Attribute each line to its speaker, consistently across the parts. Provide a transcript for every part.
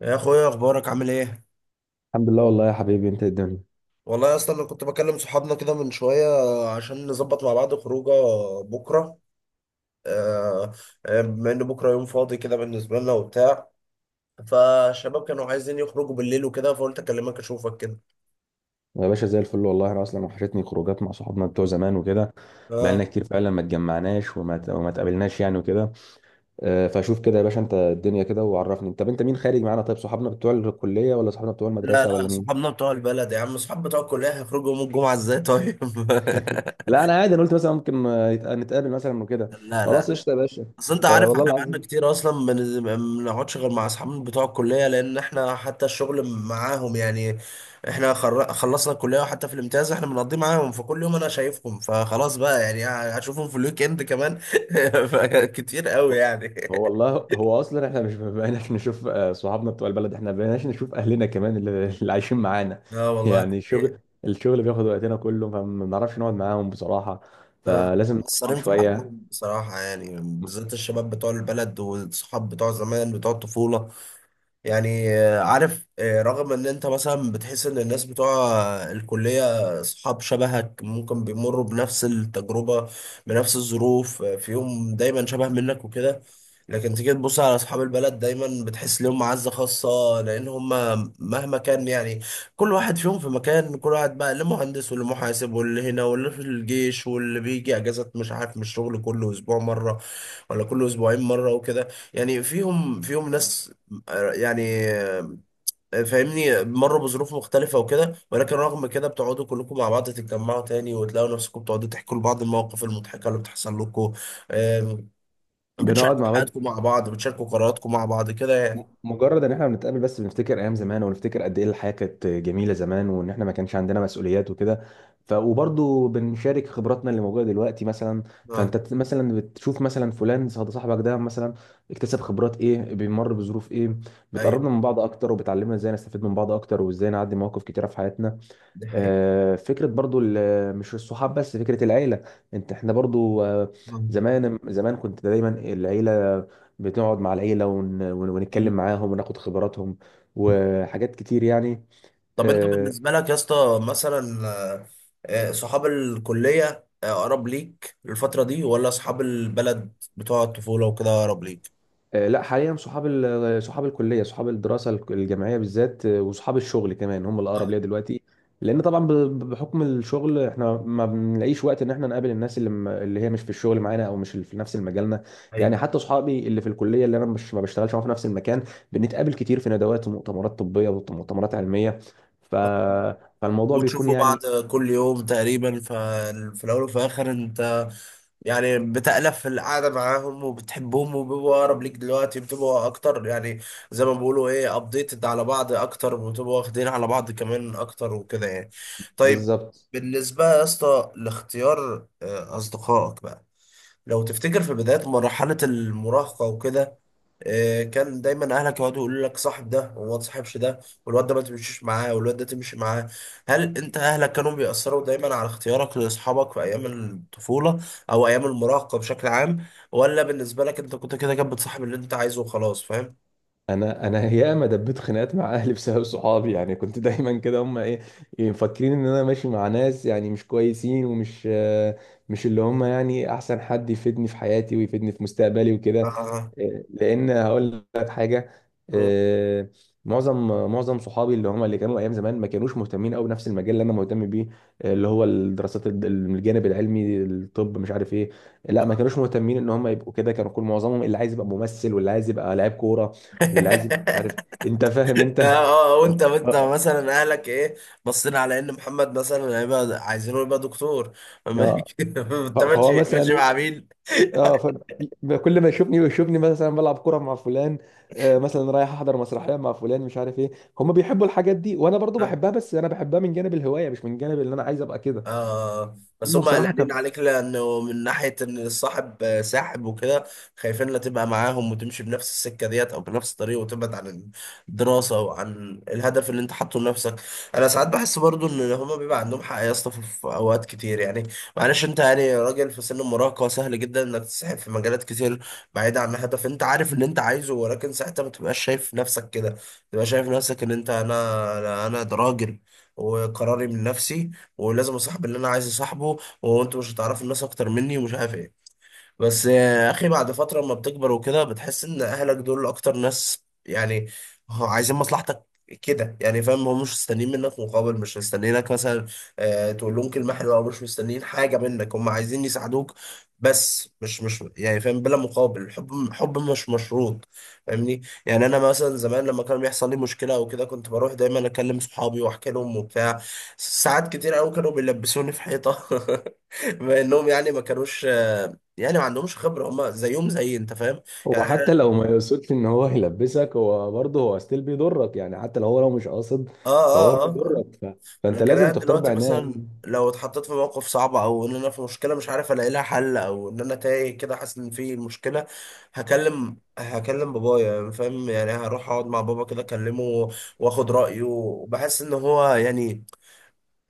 Speaker 1: يا اخويا، اخبارك عامل ايه؟
Speaker 2: الحمد لله والله يا حبيبي، انت إيه الدنيا؟
Speaker 1: والله يا اسطى انا كنت بكلم صحابنا كده من شويه عشان نظبط مع بعض خروجه بكره. آه، بما ان بكره يوم فاضي كده بالنسبه لنا وبتاع، فالشباب كانوا عايزين يخرجوا بالليل وكده فقلت اكلمك اشوفك كده.
Speaker 2: يا باشا، زي الفل والله. انا اصلا وحشتني خروجات مع صحابنا بتوع زمان وكده.
Speaker 1: اه.
Speaker 2: بقالنا كتير فعلا ما اتجمعناش، وما اتقابلناش يعني وكده. فشوف كده يا باشا انت الدنيا كده وعرفني. طب انت مين خارج معانا؟ طيب، صحابنا بتوع الكليه ولا صحابنا بتوع
Speaker 1: لا،
Speaker 2: المدرسه ولا
Speaker 1: لا،
Speaker 2: مين؟
Speaker 1: صحابنا بتوع البلد يا عم. صحاب بتوع الكليه هيخرجوا يوم الجمعه ازاي طيب؟
Speaker 2: لا انا عادي، انا قلت مثلا ممكن نتقابل مثلا وكده.
Speaker 1: لا، لا.
Speaker 2: خلاص قشطه يا باشا.
Speaker 1: اصل انت
Speaker 2: طب
Speaker 1: عارف
Speaker 2: والله
Speaker 1: احنا بقالنا
Speaker 2: العظيم.
Speaker 1: كتير اصلا ما بنقعدش غير مع اصحابنا بتوع الكليه لان احنا حتى الشغل معاهم يعني. احنا خلصنا الكليه وحتى في الامتياز احنا بنقضي معاهم، فكل يوم انا شايفهم فخلاص بقى يعني. هشوفهم في الويك اند كمان. كتير قوي
Speaker 2: هو
Speaker 1: يعني.
Speaker 2: هو والله، هو اصلا احنا مش بقيناش نشوف صحابنا بتوع البلد، احنا بقيناش نشوف اهلنا كمان اللي عايشين معانا
Speaker 1: اه والله ده
Speaker 2: يعني
Speaker 1: حقيقي.
Speaker 2: الشغل. الشغل بياخد وقتنا كله فما بنعرفش نقعد معاهم بصراحة. فلازم نقعد معاهم
Speaker 1: مقصرين في
Speaker 2: شوية.
Speaker 1: حقهم بصراحه يعني، بالذات الشباب بتوع البلد والصحاب بتوع زمان بتوع الطفوله. يعني عارف، رغم ان انت مثلا بتحس ان الناس بتوع الكلية اصحاب شبهك ممكن بيمروا بنفس التجربة بنفس الظروف، فيهم دايما شبه منك وكده. لكن تيجي تبص على اصحاب البلد دايما بتحس ليهم معزة خاصة، لان هم مهما كان يعني، كل واحد فيهم في مكان. كل واحد بقى اللي مهندس واللي محاسب واللي هنا واللي في الجيش واللي بيجي اجازات مش عارف من الشغل كل اسبوع مرة ولا كل اسبوعين مرة وكده. يعني فيهم ناس يعني، فاهمني، مروا بظروف مختلفة وكده، ولكن رغم كده بتقعدوا كلكم مع بعض، تتجمعوا تاني وتلاقوا نفسكم بتقعدوا تحكوا لبعض المواقف المضحكة اللي بتحصل لكم. آم،
Speaker 2: بنقعد
Speaker 1: بتشاركوا
Speaker 2: مع بعض.
Speaker 1: حياتكم مع بعض، بتشاركوا قراراتكم مع بعض كده يعني.
Speaker 2: مجرد ان احنا بنتقابل بس بنفتكر ايام زمان ونفتكر قد ايه الحياه كانت جميله زمان، وان احنا ما كانش عندنا مسؤوليات وكده. ف وبرضه بنشارك خبراتنا اللي موجوده دلوقتي مثلا.
Speaker 1: اه.
Speaker 2: فانت مثلا بتشوف مثلا فلان صاحبك ده مثلا اكتسب خبرات ايه، بيمر بظروف ايه.
Speaker 1: ايوه،
Speaker 2: بتقربنا من بعض اكتر وبتعلمنا ازاي نستفيد من بعض اكتر وازاي نعدي مواقف كتيره في حياتنا.
Speaker 1: دي حقيقة.
Speaker 2: فكرة برضو مش الصحاب بس، فكرة العيلة. انت احنا برضو
Speaker 1: آه.
Speaker 2: زمان زمان كنت دايما العيلة بتقعد مع العيلة
Speaker 1: مم.
Speaker 2: ونتكلم معاهم وناخد خبراتهم وحاجات كتير يعني.
Speaker 1: طب انت
Speaker 2: آه،
Speaker 1: بالنسبة لك يا اسطى مثلا، صحاب الكلية أقرب ليك الفترة دي، ولا أصحاب البلد بتوع الطفولة وكده أقرب ليك؟
Speaker 2: لا حاليا صحاب صحاب الكليه، صحاب الدراسه الجامعيه بالذات وصحاب الشغل كمان هم
Speaker 1: آه.
Speaker 2: الاقرب ليا دلوقتي. لان طبعا بحكم الشغل احنا ما بنلاقيش وقت ان احنا نقابل الناس اللي هي مش في الشغل معانا او مش في نفس المجالنا. يعني حتى صحابي اللي في الكليه اللي انا مش ما بشتغلش معاهم في نفس المكان، بنتقابل كتير في ندوات ومؤتمرات طبيه ومؤتمرات علميه. ف...
Speaker 1: ايوه،
Speaker 2: فالموضوع بيكون
Speaker 1: وتشوفوا
Speaker 2: يعني
Speaker 1: بعض كل يوم تقريبا، ففي الاول وفي الاخر انت يعني بتألف في القعده معاهم وبتحبهم وبيبقوا اقرب ليك دلوقتي، بتبقوا اكتر يعني. زي ما بيقولوا ايه، ابديتد على بعض اكتر، وبتبقوا واخدين على بعض كمان اكتر وكده يعني. طيب.
Speaker 2: بالظبط.
Speaker 1: بالنسبه يا اسطى لاختيار اصدقائك بقى، لو تفتكر في بداية مرحلة المراهقة وكده، كان دايما اهلك يقعدوا يقولوا لك صاحب ده وما تصاحبش ده، والواد ده ما تمشيش معاه والواد ده تمشي معاه. هل انت اهلك كانوا بيأثروا دايما على اختيارك لاصحابك في ايام الطفولة او ايام المراهقة بشكل عام؟ ولا بالنسبة لك انت كنت كده كده بتصاحب اللي انت عايزه وخلاص، فاهم؟
Speaker 2: انا انا ياما دبيت خناقات مع اهلي بسبب صحابي. يعني كنت دايما كده، هم ايه مفكرين ان انا ماشي مع ناس يعني مش كويسين ومش مش اللي هم يعني احسن حد يفيدني في حياتي ويفيدني في مستقبلي وكده.
Speaker 1: آه.
Speaker 2: لان هقول لك حاجه.
Speaker 1: آه.
Speaker 2: آه، معظم معظم صحابي اللي هم اللي كانوا ايام زمان ما كانوش مهتمين قوي بنفس المجال اللي انا مهتم بيه. اللي هو الدراسات الجانب العلمي، الطب مش عارف ايه. لا ما
Speaker 1: آه.
Speaker 2: كانوش مهتمين ان هم يبقوا كده. كانوا كل معظمهم اللي عايز يبقى ممثل واللي عايز يبقى لاعب كوره واللي عايز يبقى مش عارف إيه. انت فاهم انت.
Speaker 1: اه، وانت وانت
Speaker 2: آه،
Speaker 1: مثلا اهلك ايه؟ بصينا على ان محمد مثلا هيبقى عايزينه يبقى دكتور أما
Speaker 2: اه
Speaker 1: انت
Speaker 2: فهو
Speaker 1: ماشي ماشي
Speaker 2: مثلا.
Speaker 1: مع مين؟
Speaker 2: اه كل ما يشوفني ويشوفني مثلا بلعب كرة مع فلان، مثلا رايح احضر مسرحية مع فلان مش عارف ايه. هم بيحبوا الحاجات دي وانا برضو
Speaker 1: اه.
Speaker 2: بحبها، بس انا بحبها من جانب الهواية مش من جانب اللي انا عايز ابقى كده.
Speaker 1: آه، بس
Speaker 2: هم
Speaker 1: هم
Speaker 2: بصراحة
Speaker 1: قلقانين
Speaker 2: كان.
Speaker 1: عليك لانه من ناحيه ان الصاحب ساحب وكده. خايفين لا تبقى معاهم وتمشي بنفس السكه ديت او بنفس الطريق وتبعد عن الدراسه وعن الهدف اللي انت حاطه لنفسك. انا ساعات بحس برضو ان هم بيبقى عندهم حق يا اسطى في اوقات كتير يعني. معلش انت يعني راجل في سن المراهقه، سهل جدا انك تسحب في مجالات كتير بعيده عن هدف انت عارف اللي انت عايزه، ولكن ساعتها ما تبقاش شايف نفسك كده. تبقى شايف نفسك ان انت، انا انا أنا ده راجل وقراري من نفسي، ولازم اصاحب اللي انا عايز اصاحبه، وانتوا مش هتعرفوا الناس اكتر مني ومش عارف ايه. بس يا اخي بعد فتره لما بتكبر وكده بتحس ان اهلك دول اكتر ناس يعني هو عايزين مصلحتك، كده يعني، فاهم؟ هم مش مستنيين منك مقابل، مش مستنيينك مثلا تقول لهم كلمه حلوه، او مش مستنيين حاجه منك، هم عايزين يساعدوك بس مش يعني، فاهم؟ بلا مقابل. الحب حب مش مشروط، فاهمني؟ يعني انا مثلا زمان لما كان بيحصل لي مشكله او كده كنت بروح دايما اكلم صحابي واحكي لهم وبتاع. ساعات كتير قوي كانوا بيلبسوني في حيطه بما انهم يعني ما كانوش، يعني ما عندهمش خبرة، هم زيهم زي انت، فاهم؟
Speaker 2: هو
Speaker 1: يعني
Speaker 2: حتى لو ما يقصدش ان هو يلبسك، هو برضه هو ستيل بيضرك يعني، حتى لو هو لو مش قاصد.
Speaker 1: اه،
Speaker 2: فهو
Speaker 1: اه، اه، آه.
Speaker 2: بيضرك. فانت
Speaker 1: لكن انا
Speaker 2: لازم تختار
Speaker 1: دلوقتي
Speaker 2: بعناية.
Speaker 1: مثلا لو اتحطيت في موقف صعب، او ان انا في مشكلة مش عارف الاقي لها حل، او ان انا تايه كده حاسس ان في مشكلة، هكلم بابايا، يعني فاهم؟ يعني هروح اقعد مع بابا كده اكلمه، واخد رأيه، وبحس ان هو يعني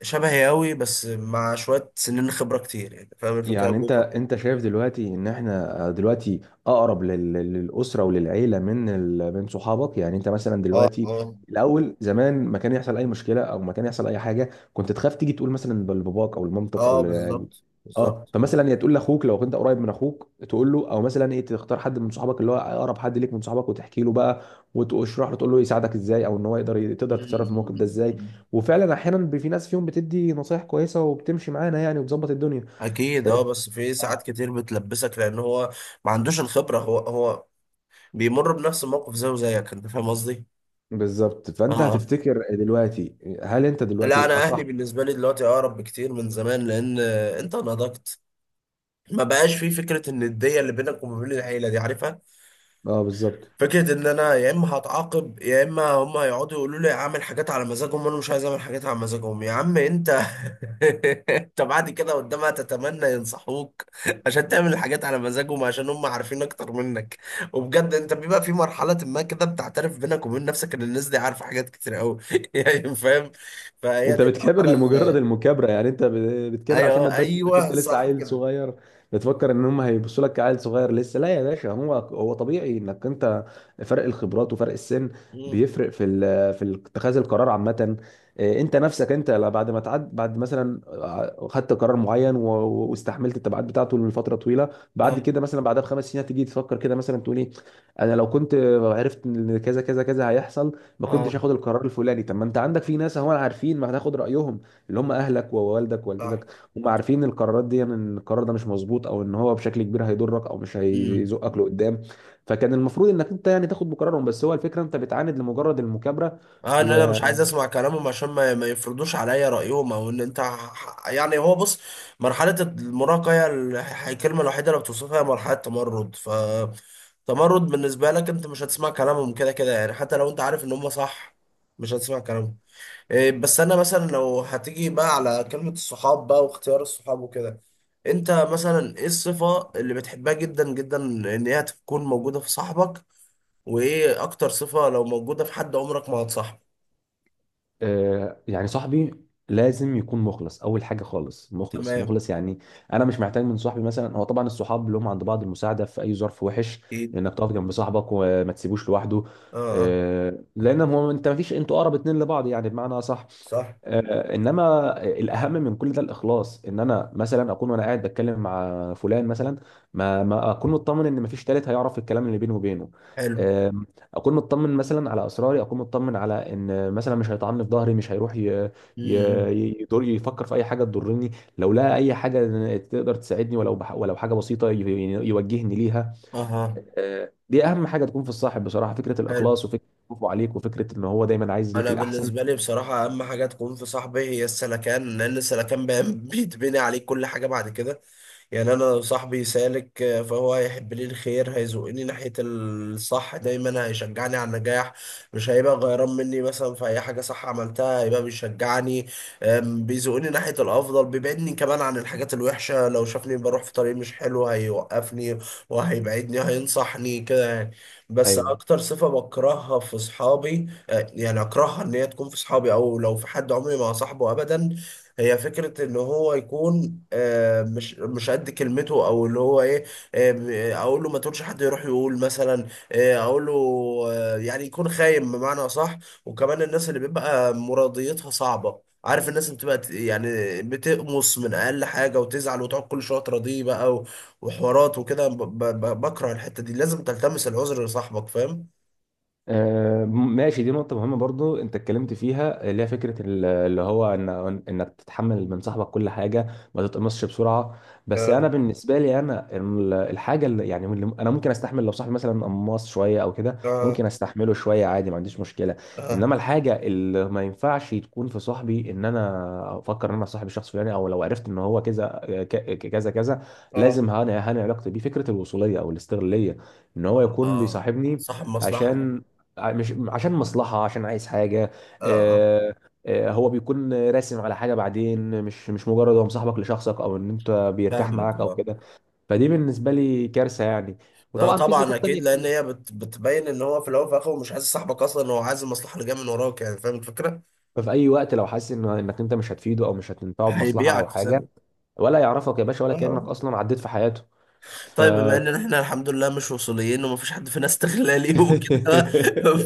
Speaker 1: شبهي قوي بس مع شوية سنين خبرة كتير، يعني فاهم الفكرة؟
Speaker 2: يعني انت انت شايف دلوقتي ان احنا دلوقتي اقرب للاسره وللعيله من من صحابك؟ يعني انت مثلا
Speaker 1: اه،
Speaker 2: دلوقتي
Speaker 1: اه،
Speaker 2: الاول زمان ما كان يحصل اي مشكله او ما كان يحصل اي حاجه كنت تخاف تيجي تقول مثلا لباباك او لمامتك او
Speaker 1: اه،
Speaker 2: ل...
Speaker 1: بالظبط
Speaker 2: اه،
Speaker 1: بالظبط.
Speaker 2: فمثلا يا تقول لاخوك لو كنت قريب من اخوك تقول له، او مثلا ايه، تختار حد من صحابك اللي هو اقرب حد ليك من صحابك وتحكي له بقى وتشرح له تقول له يساعدك ازاي، او ان هو يقدر تقدر
Speaker 1: مم،
Speaker 2: تتصرف في الموقف ده
Speaker 1: مم،
Speaker 2: ازاي.
Speaker 1: مم.
Speaker 2: وفعلا احيانا في ناس فيهم بتدي نصايح كويسه وبتمشي معانا يعني وبتظبط الدنيا.
Speaker 1: اكيد، اه. بس في ساعات
Speaker 2: اه
Speaker 1: كتير بتلبسك لان هو ما عندوش الخبره. هو بيمر بنفس الموقف زيه زيك، انت فاهم قصدي؟
Speaker 2: بالظبط. فانت
Speaker 1: اه.
Speaker 2: هتفتكر دلوقتي هل انت دلوقتي
Speaker 1: لا، انا اهلي
Speaker 2: الاصح؟
Speaker 1: بالنسبه لي دلوقتي اقرب بكتير من زمان، لان انت نضجت. ما بقاش في فكره النديه اللي بينك وما بين العيله، دي عارفها.
Speaker 2: اه بالظبط.
Speaker 1: فكرة ان انا يا اما هتعاقب، يا اما هم هيقعدوا يقولوا لي اعمل حاجات على مزاجهم، وانا مش عايز اعمل حاجات على مزاجهم يا عم انت. انت بعد كده قدامها تتمنى ينصحوك عشان تعمل الحاجات على مزاجهم، عشان هم عارفين اكتر منك. وبجد انت بيبقى في مرحلة ما كده بتعترف بينك وبين نفسك ان الناس دي عارفة حاجات كتير قوي يعني فاهم؟ فهي
Speaker 2: انت
Speaker 1: دي
Speaker 2: بتكابر
Speaker 1: المرحلة
Speaker 2: لمجرد
Speaker 1: اللي
Speaker 2: المكابره يعني. انت بتكابر عشان ما
Speaker 1: ايوه،
Speaker 2: تبانش انك انت
Speaker 1: ايوه،
Speaker 2: لسه
Speaker 1: صح
Speaker 2: عيل
Speaker 1: كده.
Speaker 2: صغير. بتفكر ان هم هيبصوا لك كعيل صغير لسه. لا يا باشا، هو هو طبيعي انك انت، فرق الخبرات وفرق السن
Speaker 1: مم.
Speaker 2: بيفرق في في اتخاذ القرار عامه. إيه، انت نفسك انت بعد ما تعد، بعد مثلا خدت قرار معين واستحملت التبعات بتاعته لفتره طويله، بعد
Speaker 1: اه،
Speaker 2: كده مثلا بعدها ب5 سنين هتيجي تفكر كده مثلا تقول ايه: انا لو كنت عرفت ان كذا كذا كذا هيحصل، ما كنتش
Speaker 1: اه،
Speaker 2: هاخد القرار الفلاني. طب ما انت عندك في ناس هم عارفين، ما هتاخد رايهم، اللي هم اهلك ووالدك
Speaker 1: اه،
Speaker 2: ووالدتك. هم عارفين القرارات دي، يعني ان القرار ده مش مظبوط او ان هو بشكل كبير هيضرك او مش
Speaker 1: صح.
Speaker 2: هيزقك لقدام. فكان المفروض انك انت يعني تاخد بقرارهم. بس هو الفكره انت بتعاند لمجرد المكابره.
Speaker 1: اه، ان انا
Speaker 2: و...
Speaker 1: مش عايز اسمع كلامهم عشان ما يفرضوش عليا رايهم، او ان انت يعني، هو بص، مرحله المراهقه هي الكلمه الوحيده اللي بتوصفها هي مرحله تمرد. ف تمرد بالنسبه لك، انت مش هتسمع كلامهم كده كده يعني، حتى لو انت عارف ان هم صح مش هتسمع كلامهم. إيه. بس انا مثلا لو هتيجي بقى على كلمه الصحاب بقى واختيار الصحاب وكده، انت مثلا ايه الصفه اللي بتحبها جدا جدا ان هي تكون موجوده في صاحبك؟ وايه اكتر صفه لو موجوده في حد عمرك ما هتصاحبه؟
Speaker 2: آه، يعني صاحبي لازم يكون مخلص اول حاجه. خالص مخلص
Speaker 1: تمام.
Speaker 2: مخلص يعني. انا مش محتاج من صاحبي مثلا، هو طبعا الصحاب لهم عند بعض المساعده في اي ظرف وحش،
Speaker 1: اكيد.
Speaker 2: انك تقف جنب صاحبك وما تسيبوش لوحده.
Speaker 1: اه، اه،
Speaker 2: لان هو انت ما فيش انتوا اقرب اتنين لبعض يعني، بمعنى صح.
Speaker 1: صح.
Speaker 2: انما الاهم من كل ده الاخلاص. ان انا مثلا اكون وانا قاعد بتكلم مع فلان مثلا، ما اكون مطمن ان مفيش تالت هيعرف الكلام اللي بيني وبينه.
Speaker 1: حلو.
Speaker 2: آه، اكون مطمن مثلا على اسراري، اكون مطمن على ان مثلا مش هيطعني في ظهري، مش هيروح ي...
Speaker 1: امم.
Speaker 2: يدور يفكر في اي حاجه تضرني. لو لقى اي حاجه تقدر تساعدني ولو ولو حاجه بسيطه يعني يوجهني ليها.
Speaker 1: اها.
Speaker 2: دي اهم حاجه تكون في الصاحب بصراحه، فكره
Speaker 1: حلو.
Speaker 2: الاخلاص وفكره خوفه عليك وفكره ان هو دايما عايز لك
Speaker 1: انا
Speaker 2: الاحسن.
Speaker 1: بالنسبه لي بصراحه اهم حاجه تكون في صاحبي هي السلكان، لان السلكان بيتبني عليه كل حاجه بعد كده يعني. انا لو صاحبي سالك، فهو هيحب لي الخير، هيزقني ناحيه الصح دايما، هيشجعني على النجاح، مش هيبقى غيران مني مثلا في اي حاجه صح عملتها، هيبقى بيشجعني. بيزقني ناحيه الافضل، بيبعدني كمان عن الحاجات الوحشه، لو شافني بروح في طريق مش حلو هيوقفني وهيبعدني، هينصحني كده يعني. بس
Speaker 2: ايوه.
Speaker 1: اكتر صفه بكرهها في صحابي، يعني اكرهها ان هي تكون في صحابي، او لو في حد عمري ما صاحبه ابدا، هي فكرة ان هو يكون مش قد كلمته، او اللي هو ايه، اقول له ما تقولش حد يروح يقول مثلا، اقول له، يعني يكون خاين بمعنى صح. وكمان الناس اللي بيبقى مراضيتها صعبة، عارف، الناس اللي بتبقى يعني بتقمص من اقل حاجة وتزعل وتقعد كل شوية تراضيه بقى وحوارات وكده. بكره الحتة دي، لازم تلتمس العذر لصاحبك، فاهم؟
Speaker 2: ماشي، دي نقطة مهمة برضو انت اتكلمت فيها، اللي هي فكرة اللي هو ان انك تتحمل من صاحبك كل حاجة، ما تتقمصش بسرعة. بس انا
Speaker 1: اه،
Speaker 2: بالنسبة لي انا الحاجة اللي يعني اللي انا ممكن استحمل لو صاحبي مثلا قماص شوية او كده
Speaker 1: اه،
Speaker 2: ممكن استحمله شوية عادي، ما عنديش مشكلة.
Speaker 1: آه.
Speaker 2: انما الحاجة اللي ما ينفعش تكون في صاحبي، ان انا افكر ان انا صاحب الشخص الفلاني او لو عرفت ان هو كذا كذا كذا،
Speaker 1: اه،
Speaker 2: لازم هاني علاقتي بيه. فكرة الوصولية او الاستغلالية، ان هو يكون
Speaker 1: اه،
Speaker 2: بيصاحبني
Speaker 1: صاحب مصلحة.
Speaker 2: عشان، مش عشان مصلحة، عشان عايز حاجة.
Speaker 1: اه، آه،
Speaker 2: آه، هو بيكون راسم على حاجة بعدين، مش مجرد هو مصاحبك لشخصك او ان انت بيرتاح
Speaker 1: فاهمك.
Speaker 2: معاك او
Speaker 1: اه.
Speaker 2: كده. فدي بالنسبة لي كارثة يعني.
Speaker 1: لا
Speaker 2: وطبعا في
Speaker 1: طبعا،
Speaker 2: صفات
Speaker 1: اكيد،
Speaker 2: تانية
Speaker 1: لان
Speaker 2: كتير.
Speaker 1: هي بتبين ان هو في الاول وفي الاخر مش عايز صاحبك اصلا، هو عايز المصلحة اللي جاية من وراك، يعني فاهم الفكرة؟
Speaker 2: ففي اي وقت لو حاسس ان انك انت مش هتفيده او مش هتنفعه بمصلحة او
Speaker 1: هيبيعك في
Speaker 2: حاجة،
Speaker 1: ثانية.
Speaker 2: ولا يعرفك يا باشا ولا كأنك
Speaker 1: اه.
Speaker 2: اصلا عديت في حياته. ف
Speaker 1: طيب بما ان احنا الحمد لله مش وصوليين، ومفيش حد فينا استغلالي وكده،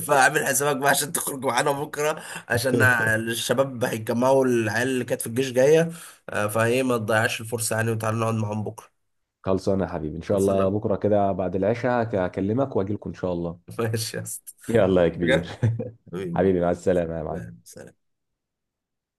Speaker 1: فاعمل حسابك بقى عشان تخرج معانا بكره. عشان الشباب هيتجمعوا، العيال اللي كانت في الجيش جايه، فهي ما تضيعش الفرصه يعني، وتعالى نقعد معاهم بكره.
Speaker 2: خلصانة يا حبيبي ان شاء الله.
Speaker 1: خلصنا.
Speaker 2: بكرة كده بعد العشاء هكلمك واجي لكم ان شاء الله.
Speaker 1: ماشي يا اسطى.
Speaker 2: يلا يا كبير.
Speaker 1: حاجة؟ حبيبي.
Speaker 2: حبيبي مع السلامة يا معلم.
Speaker 1: تمام، سلام.